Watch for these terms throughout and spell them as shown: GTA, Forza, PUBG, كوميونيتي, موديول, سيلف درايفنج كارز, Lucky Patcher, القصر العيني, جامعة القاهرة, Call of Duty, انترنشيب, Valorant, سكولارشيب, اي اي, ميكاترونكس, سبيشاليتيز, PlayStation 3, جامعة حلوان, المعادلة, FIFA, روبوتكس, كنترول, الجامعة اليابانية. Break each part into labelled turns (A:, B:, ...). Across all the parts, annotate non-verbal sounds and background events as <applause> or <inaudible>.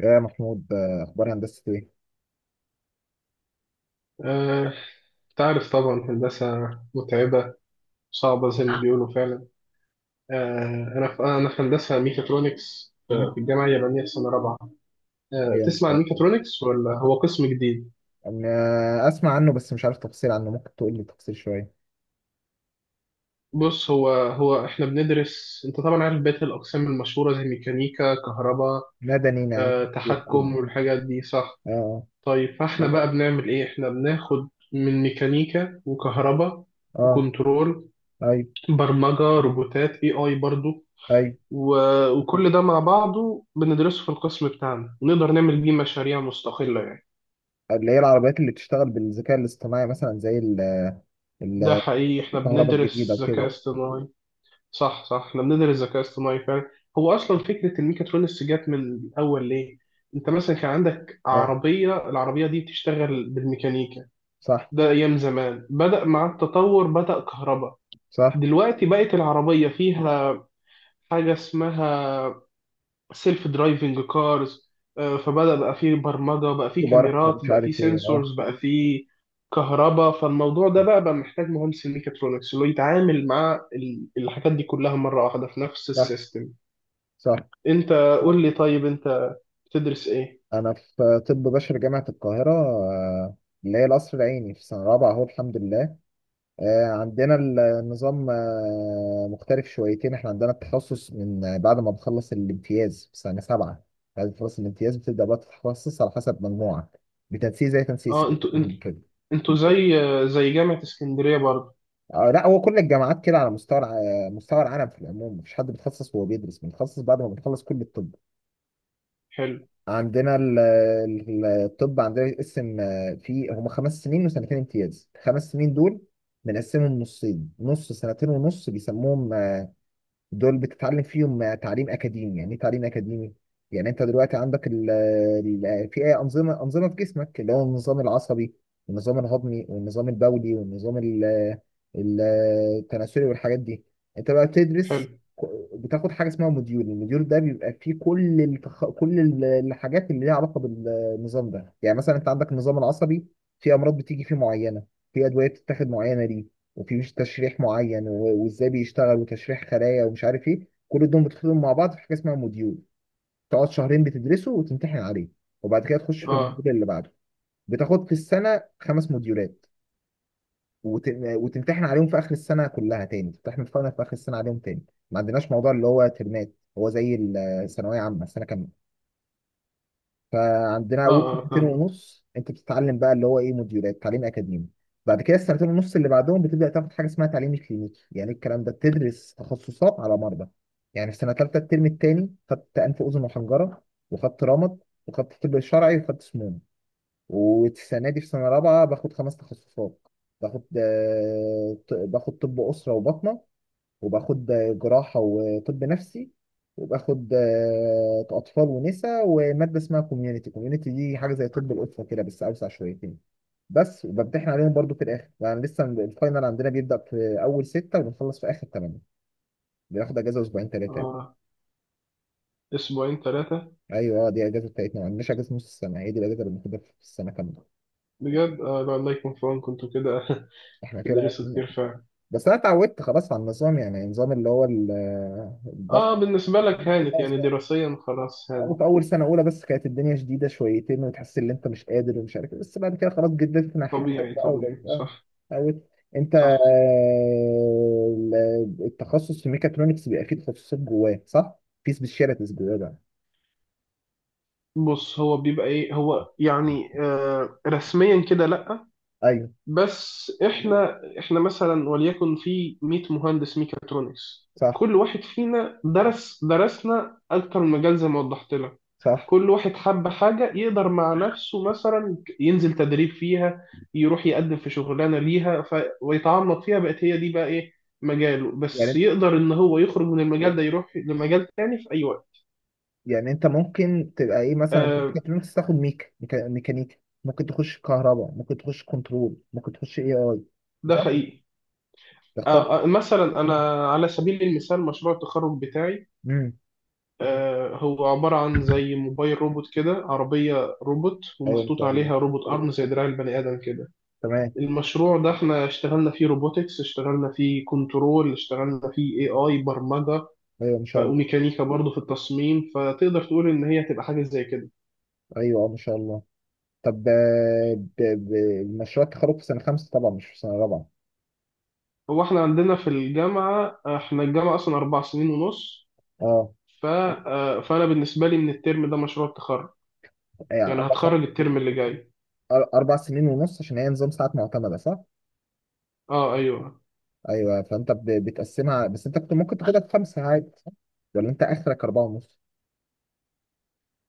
A: يا محمود اخبار هندسه ايه؟
B: آه، تعرف طبعا هندسة متعبة، صعبة زي ما بيقولوا فعلا. أنا في هندسة ميكاترونكس،
A: مم.
B: في الجامعة اليابانية في سنة رابعة.
A: ايوه، ان
B: تسمع
A: شاء
B: عن
A: الله.
B: ميكاترونكس ولا هو قسم جديد؟
A: انا اسمع عنه، بس مش عارف تفاصيل عنه. ممكن تقول لي تفاصيل شويه؟
B: بص، هو إحنا بندرس، أنت طبعا عارف بقية الأقسام المشهورة زي ميكانيكا، كهرباء،
A: مدني يعني إيه الحاجات دي؟
B: تحكم والحاجات دي، صح؟
A: اه،
B: طيب، فإحنا بقى بنعمل إيه؟ إحنا بناخد من ميكانيكا وكهرباء
A: اه،
B: وكنترول،
A: اه، ايوه،
B: برمجة روبوتات، اي اي برضو.
A: ايوه.
B: وكل ده مع بعضه بندرسه في القسم بتاعنا، ونقدر نعمل بيه مشاريع مستقلة يعني.
A: اللي هي العربيات اللي بتشتغل بالذكاء الاصطناعي مثلا زي
B: ده حقيقي، احنا والله
A: الكهرباء الجديده
B: بندرس
A: وكده.
B: ذكاء اصطناعي. صح صح، احنا بندرس ذكاء اصطناعي فعلا. هو اصلا فكرة الميكاترونكس جت من الاول ليه؟ انت مثلا كان عندك
A: اه،
B: عربية، العربية دي بتشتغل بالميكانيكا،
A: صح،
B: ده ايام زمان. بدأ مع التطور، بدأ كهرباء.
A: صح.
B: دلوقتي بقت العربية فيها حاجة اسمها سيلف درايفنج كارز، فبدأ بقى فيه برمجة، بقى فيه
A: وبرق
B: كاميرات،
A: ومش
B: بقى فيه
A: عارف ايه، اه.
B: سنسورز، بقى فيه كهرباء. فالموضوع ده بقى محتاج مهندس الميكاترونكس اللي هو يتعامل مع الحاجات دي كلها مرة واحدة في نفس
A: صح،
B: السيستم.
A: صح.
B: انت، قول لي طيب، انت بتدرس ايه؟
A: انا في طب بشري جامعه القاهره، اللي هي القصر العيني في سنه رابعه اهو، الحمد لله. عندنا النظام مختلف شويتين. احنا عندنا التخصص من بعد ما بنخلص الامتياز في سنة 7. بعد ما تخلص الامتياز بتبدأ بقى تتخصص على حسب مجموعك، بتنسيق زي تنسيق
B: اه، انتوا،
A: كده.
B: انتوا زي جامعة اسكندرية برضه؟
A: آه لا، هو كل الجامعات كده على مستوى مستوى العالم في العموم. مفيش حد بيتخصص وهو بيدرس، بنتخصص بعد ما بنخلص كل الطب.
B: حلو،
A: عندنا الطب عندنا يتقسم، في هما 5 سنين وسنتين امتياز. الخمس سنين دول بنقسمهم نصين، نص سنتين ونص بيسموهم دول بتتعلم فيهم تعليم اكاديمي. يعني ايه تعليم اكاديمي؟ يعني انت دلوقتي عندك ال في انظمه انظمه في جسمك، اللي هو النظام العصبي والنظام الهضمي والنظام البولي والنظام ال- التناسلي والحاجات دي. انت بقى
B: حلو.
A: بتدرس، بتاخد حاجه اسمها موديول. الموديول ده بيبقى فيه كل الحاجات اللي ليها علاقه بالنظام ده. يعني مثلا انت عندك النظام العصبي، في امراض بتيجي فيه معينه، في ادويه بتتاخد معينه ليه، وفي مش تشريح معين وازاي بيشتغل وتشريح خلايا ومش عارف ايه. كل دول بتدخلهم مع بعض في حاجه اسمها موديول. تقعد شهرين بتدرسه وتمتحن عليه، وبعد كده تخش في
B: اه،
A: الموديول اللي بعده. بتاخد في السنه خمس موديولات وت- وتمتحن عليهم في اخر السنه كلها. تاني تمتحن الفاينل في اخر السنه عليهم تاني. ما عندناش موضوع اللي هو ترمات، هو زي الثانويه عامه السنه كامله. فعندنا
B: اه،
A: اول
B: اه،
A: سنتين
B: فاهم.
A: ونص انت بتتعلم بقى اللي هو ايه، موديولات تعليم اكاديمي. بعد كده السنتين ونص اللي بعدهم بتبدا تاخد حاجه اسمها تعليم كلينيكي، يعني الكلام ده بتدرس تخصصات على مرضى. يعني في سنه ثالثه الترم الثاني خدت انف اذن وحنجره، وخدت رمد، وخدت طب شرعي، وخدت سموم. والسنه دي في سنه رابعه باخد خمس تخصصات. باخد طب اسره وبطنه، وباخد جراحة وطب نفسي، وباخد أطفال ونساء ومادة اسمها كوميونيتي. كوميونيتي دي حاجة زي طب الأسرة كده بس أوسع شويتين. بس وبمتحن عليهم برضو في الآخر. يعني لسه الفاينل عندنا بيبدأ في أول ستة وبنخلص في آخر تمانية. بناخد أجازة أسبوعين تلاتة يعني.
B: اه، اسبوعين ثلاثة.
A: أيوه، دي الأجازة بتاعتنا. ما عندناش أجازة نص السنة، هي دي الأجازة اللي بناخدها في السنة كاملة.
B: بجد؟ آه لا، الله يكون في عونكم انتوا كده <laughs>
A: إحنا كده.
B: تدرسوا كتير فعلا.
A: بس أنا اتعودت خلاص على النظام. يعني النظام اللي هو
B: اه، بالنسبة لك هانت يعني،
A: الضغط.
B: دراسيا خلاص
A: أو
B: هانت.
A: في أول سنة أولى بس كانت الدنيا شديدة شويتين وتحس إن أنت مش قادر ومش عارف إيه، بس بعد كده خلاص جددت ناحيتك
B: طبيعي
A: بقى
B: طبيعي،
A: وبقيت أه،
B: صح.
A: اتعودت. أنت،
B: صح.
A: التخصص في ميكاترونكس بيبقى فيه تخصصات جواه صح؟ في سبيشاليتيز جواه بقى.
B: بص، هو بيبقى ايه، هو يعني آه رسميا كده لا.
A: أيوه،
B: بس احنا مثلا وليكن في 100 مهندس ميكاترونكس،
A: صح،
B: كل واحد فينا درسنا اكتر من مجال زي ما وضحت لك.
A: صح.
B: كل واحد حب حاجة يقدر مع نفسه مثلا ينزل تدريب فيها، يروح يقدم في شغلانة ليها، ف... ويتعمق فيها، بقت هي دي بقى إيه مجاله. بس
A: يعني
B: يقدر إن هو يخرج من المجال ده، يروح لمجال تاني في أي وقت.
A: يعني أنت ممكن تبقى إيه مثلا في
B: آه،
A: ميكاترونكس تاخد ميكانيكا، ممكن تخش كهرباء، ممكن تخش كنترول، ممكن تخش اي اي،
B: ده
A: صح؟
B: حقيقي.
A: تختار.
B: مثلا أنا على سبيل المثال مشروع التخرج بتاعي،
A: امم
B: هو عبارة عن زي موبايل روبوت كده، عربية روبوت
A: ايوه، ان
B: ومحطوط
A: شاء الله.
B: عليها روبوت أرم زي دراع البني آدم كده.
A: تمام.
B: المشروع ده احنا اشتغلنا فيه روبوتكس، اشتغلنا فيه كنترول، اشتغلنا فيه اي اي برمجة
A: ايوه، ان شاء الله.
B: وميكانيكا برضه في التصميم. فتقدر تقول ان هي هتبقى حاجة زي كده.
A: ايوه، ما شاء الله. طب، مشروع التخرج في سنه خمسه طبعا مش في سنه رابعه.
B: هو احنا عندنا في الجامعة، احنا الجامعة اصلا اربع سنين ونص.
A: اه.
B: ف... فانا بالنسبة لي من الترم ده مشروع التخرج،
A: يعني
B: يعني هتخرج الترم اللي جاي.
A: 4 سنين ونص عشان هي نظام ساعات معتمده صح؟
B: اه ايوه.
A: ايوه، فانت بتقسمها، بس انت كنت ممكن تاخدها في خمسه عادي صح؟ ولا انت اخرك اربعه ونص؟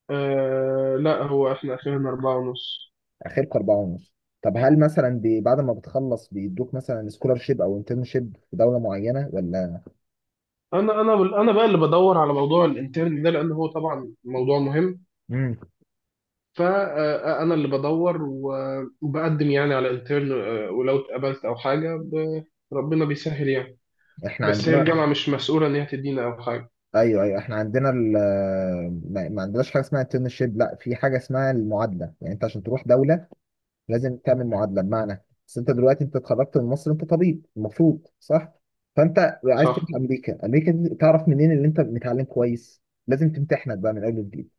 B: آه لا، هو احنا اخرنا اربعة ونص.
A: اخرك اربعه ونص. طب هل مثلا بعد ما بتخلص بيدوك مثلا سكولارشيب او انترنشيب في دوله معينه ولا؟
B: انا انا انا بقى اللي بدور على موضوع الانترن ده، لان هو طبعا موضوع مهم.
A: امم
B: فأنا اللي بدور وبقدم يعني على انترن، ولو اتقبلت أو حاجة ربنا بيسهل يعني.
A: احنا
B: بس هي
A: عندنا،
B: الجامعة مش مسؤولة إن هي تدينا أو حاجة،
A: ايوه، ايوه، احنا عندنا. ما عندناش حاجه اسمها انترنشيب. لا، في حاجه اسمها المعادله. يعني انت عشان تروح دوله لازم تعمل معادله. بمعنى، بس انت دلوقتي انت اتخرجت من مصر، انت طبيب المفروض صح. فانت عايز تروح
B: صح؟
A: امريكا. امريكا دي تعرف منين اللي انت متعلم كويس؟ لازم تمتحنك بقى من اول وجديد.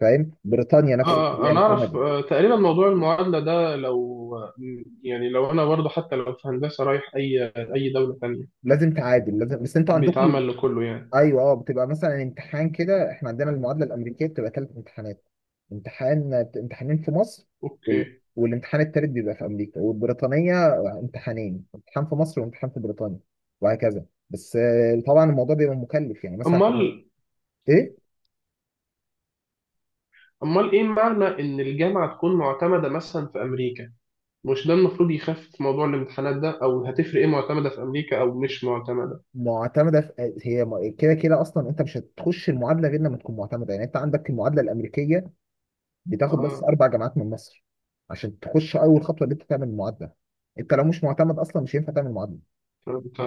A: فاهم. بريطانيا نفس الكلام،
B: أنا أعرف
A: كندا
B: تقريبا موضوع المعادلة ده، لو يعني لو أنا برضه حتى لو في هندسة رايح أي أي دولة تانية،
A: لازم تعادل، لازم. بس انتوا عندكم
B: بيتعمل لكله يعني.
A: ايوه، اه بتبقى مثلا امتحان كده. احنا عندنا المعادله الامريكيه بتبقى ثلاث امتحانات. امتحان، امتحانين في مصر وال...
B: أوكي.
A: والامتحان التالت بيبقى في امريكا. والبريطانيه امتحانين، امتحان في مصر وامتحان في بريطانيا. وهكذا. بس طبعا الموضوع بيبقى مكلف. يعني مثلا
B: أمال،
A: ايه
B: أمال إيه معنى إن الجامعة تكون معتمدة مثلا في أمريكا؟ مش ده المفروض يخفف موضوع الامتحانات ده؟ أو هتفرق إيه معتمدة في أمريكا أو مش معتمدة؟
A: معتمده في... آه، هي م- كده كده اصلا انت مش هتخش المعادله غير لما تكون معتمده. يعني انت عندك المعادله الامريكيه بتاخد بس
B: اه،
A: اربع جامعات من مصر عشان تخش اول خطوه، اللي انت تعمل المعادله. انت لو مش معتمد اصلا مش هينفع تعمل معادله.
B: فهمت.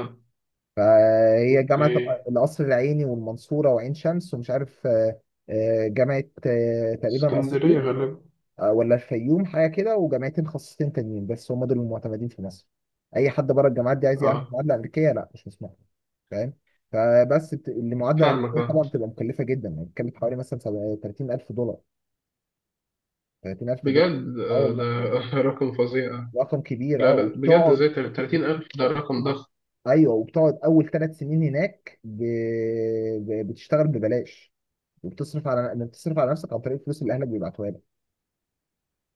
A: فهي
B: اوكي.
A: جامعة القصر العيني والمنصورة وعين شمس ومش عارف، جامعة، تقريبا
B: اسكندرية
A: أسيوط،
B: غالبا.
A: ولا الفيوم حاجة كده، وجامعتين خاصتين تانيين. بس هم دول المعتمدين في مصر. أي حد بره الجامعات دي عايز يعمل
B: اه،
A: معادلة أمريكية، لا، مش مسموح له. فاهم. المعادلة
B: فاهمك.
A: الأمريكية
B: اه،
A: طبعا بتبقى مكلفة جدا. يعني بتتكلم في حوالي مثلا 30000 دولار، 30000 دولار.
B: بجد؟
A: اه والله،
B: ده <laughs> رقم فظيع.
A: رقم كبير، اه.
B: لا لا، بجد،
A: وبتقعد
B: ازاي 30,000؟ ده رقم ضخم.
A: ايوه، وبتقعد اول 3 سنين هناك بتشتغل ببلاش. وبتصرف على انك تصرف على نفسك عن طريق الفلوس اللي اهلك بيبعتوها لك.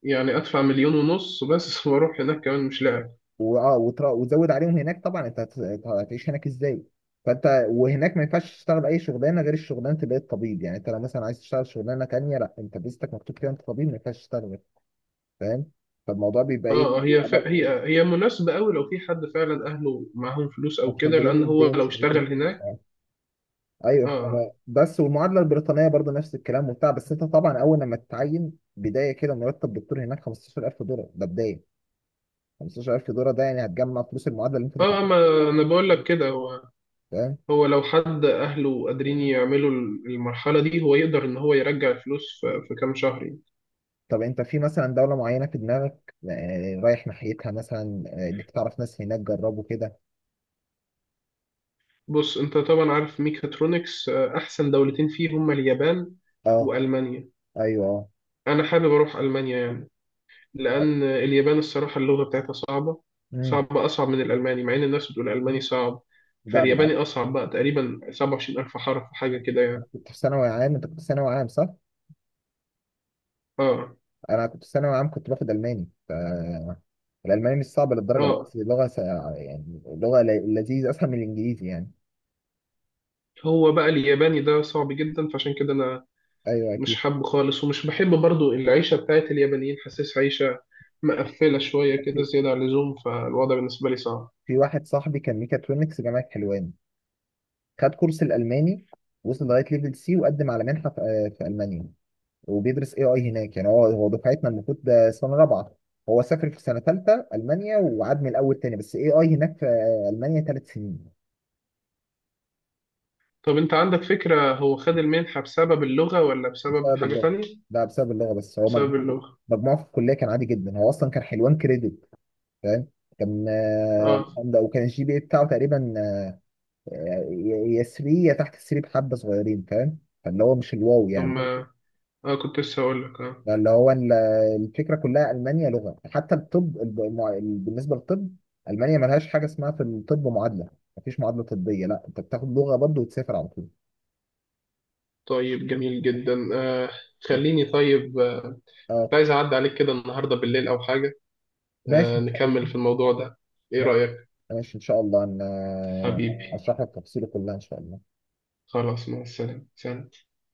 B: يعني أدفع مليون ونص بس <laughs> وأروح هناك كمان، مش لاعب.
A: واه، وتزود عليهم هناك. طبعا انت هتعيش هناك ازاي. فانت، وهناك ما ينفعش تشتغل اي شغلانه غير الشغلانه اللي هي الطبيب. يعني انت لو مثلا عايز تشتغل شغلانه تانيه لا، انت فيزتك مكتوب كده انت طبيب، ما ينفعش تشتغل فاهم. فالموضوع بيبقى ايه؟
B: اه، هي ف...
A: بيبقى
B: هي هي مناسبة أوي لو في حد فعلا أهله معاهم فلوس أو كده،
A: مقتدرين
B: لأن هو
A: ماديا
B: لو
A: شويتين.
B: اشتغل هناك.
A: ايوه،
B: اه.
A: بس والمعادله البريطانيه برضه نفس الكلام وبتاع. بس انت طبعا اول لما تتعين بدايه كده مرتب دكتور هناك 15000 دولار، ده بدايه. 15000 دولار ده يعني هتجمع فلوس المعادله اللي انت
B: اه،
A: دفعتها.
B: ما أنا بقول لك كده. هو
A: فاهم؟
B: هو لو حد أهله قادرين يعملوا المرحلة دي، هو يقدر إن هو يرجع الفلوس في كام شهر.
A: طب انت في مثلا دولة معينة في دماغك، رايح ناحيتها مثلا، انك تعرف ناس هناك جربوا كده.
B: بص، انت طبعا عارف ميكاترونكس، احسن دولتين فيه هما اليابان
A: اه،
B: والمانيا.
A: ايوه، اه.
B: انا حابب اروح المانيا يعني، لان اليابان الصراحه اللغه بتاعتها صعبه
A: امم
B: صعبه اصعب من الالماني، مع ان الناس بتقول الالماني صعب.
A: لا
B: فالياباني
A: بالعكس.
B: اصعب بقى تقريبا 27,000 حرف حاجه كده
A: انا
B: يعني.
A: كنت في ثانوي عام. انت كنت في ثانوي عام صح؟
B: اه.
A: انا كنت في ثانوي عام كنت باخد الماني الالماني مش صعب للدرجة،
B: اه.
A: بس لغة يعني لغة لذيذة، اسهل من الانجليزي يعني.
B: هو بقى الياباني ده صعب جدا، فعشان كده انا
A: ايوه،
B: مش
A: اكيد.
B: حابه خالص، ومش بحب برضو العيشه بتاعت اليابانيين. حاسس عيشه مقفله شويه كده
A: في
B: زياده عن اللزوم، فالوضع بالنسبه لي صعب.
A: في واحد صاحبي كان ميكاترونكس جامعة حلوان، خد كورس الالماني، وصل لغاية ليفل سي وقدم على منحة في المانيا. وبيدرس اي اي هناك. يعني هو دفعتنا المفروض ده سنه رابعه، هو سافر في سنه ثالثه المانيا وعاد من الاول تاني، بس اي اي هناك في المانيا 3 سنين.
B: طب انت عندك فكرة، هو خد المنحة بسبب اللغة ولا بسبب
A: بسبب
B: حاجة
A: اللغه،
B: تانية؟
A: ده بسبب اللغه. بس هو
B: بسبب
A: مجموع،
B: اللغة.
A: مجموعه في الكليه كان عادي جدا. هو اصلا كان حلوان كريدت، فاهم. كان،
B: اه.
A: ده، وكان الجي بي اي بتاعه تقريبا، آه، يا 3 يا تحت 3، بحبه صغيرين، فاهم. فاللي هو مش الواو
B: طب،
A: يعني.
B: ما اه، كنت لسه هقول لك. اه.
A: يعني اللي هو الفكره كلها، المانيا لغه. حتى الطب، بالنسبه للطب المانيا ملهاش حاجه اسمها في الطب معادله. مفيش معادله طبيه، لا، انت بتاخد لغه برضه وتسافر على طول.
B: طيب جميل جدا. خليني طيب، كنت
A: اه،
B: عايز اعدي عليك كده النهاردة بالليل او حاجة،
A: ماشي ان شاء الله.
B: نكمل في الموضوع ده. ايه رأيك؟
A: ماشي ان شاء الله، انا
B: حبيبي.
A: اشرح لك تفصيله كلها ان شاء الله.
B: خلاص، مع السلامة، سلام.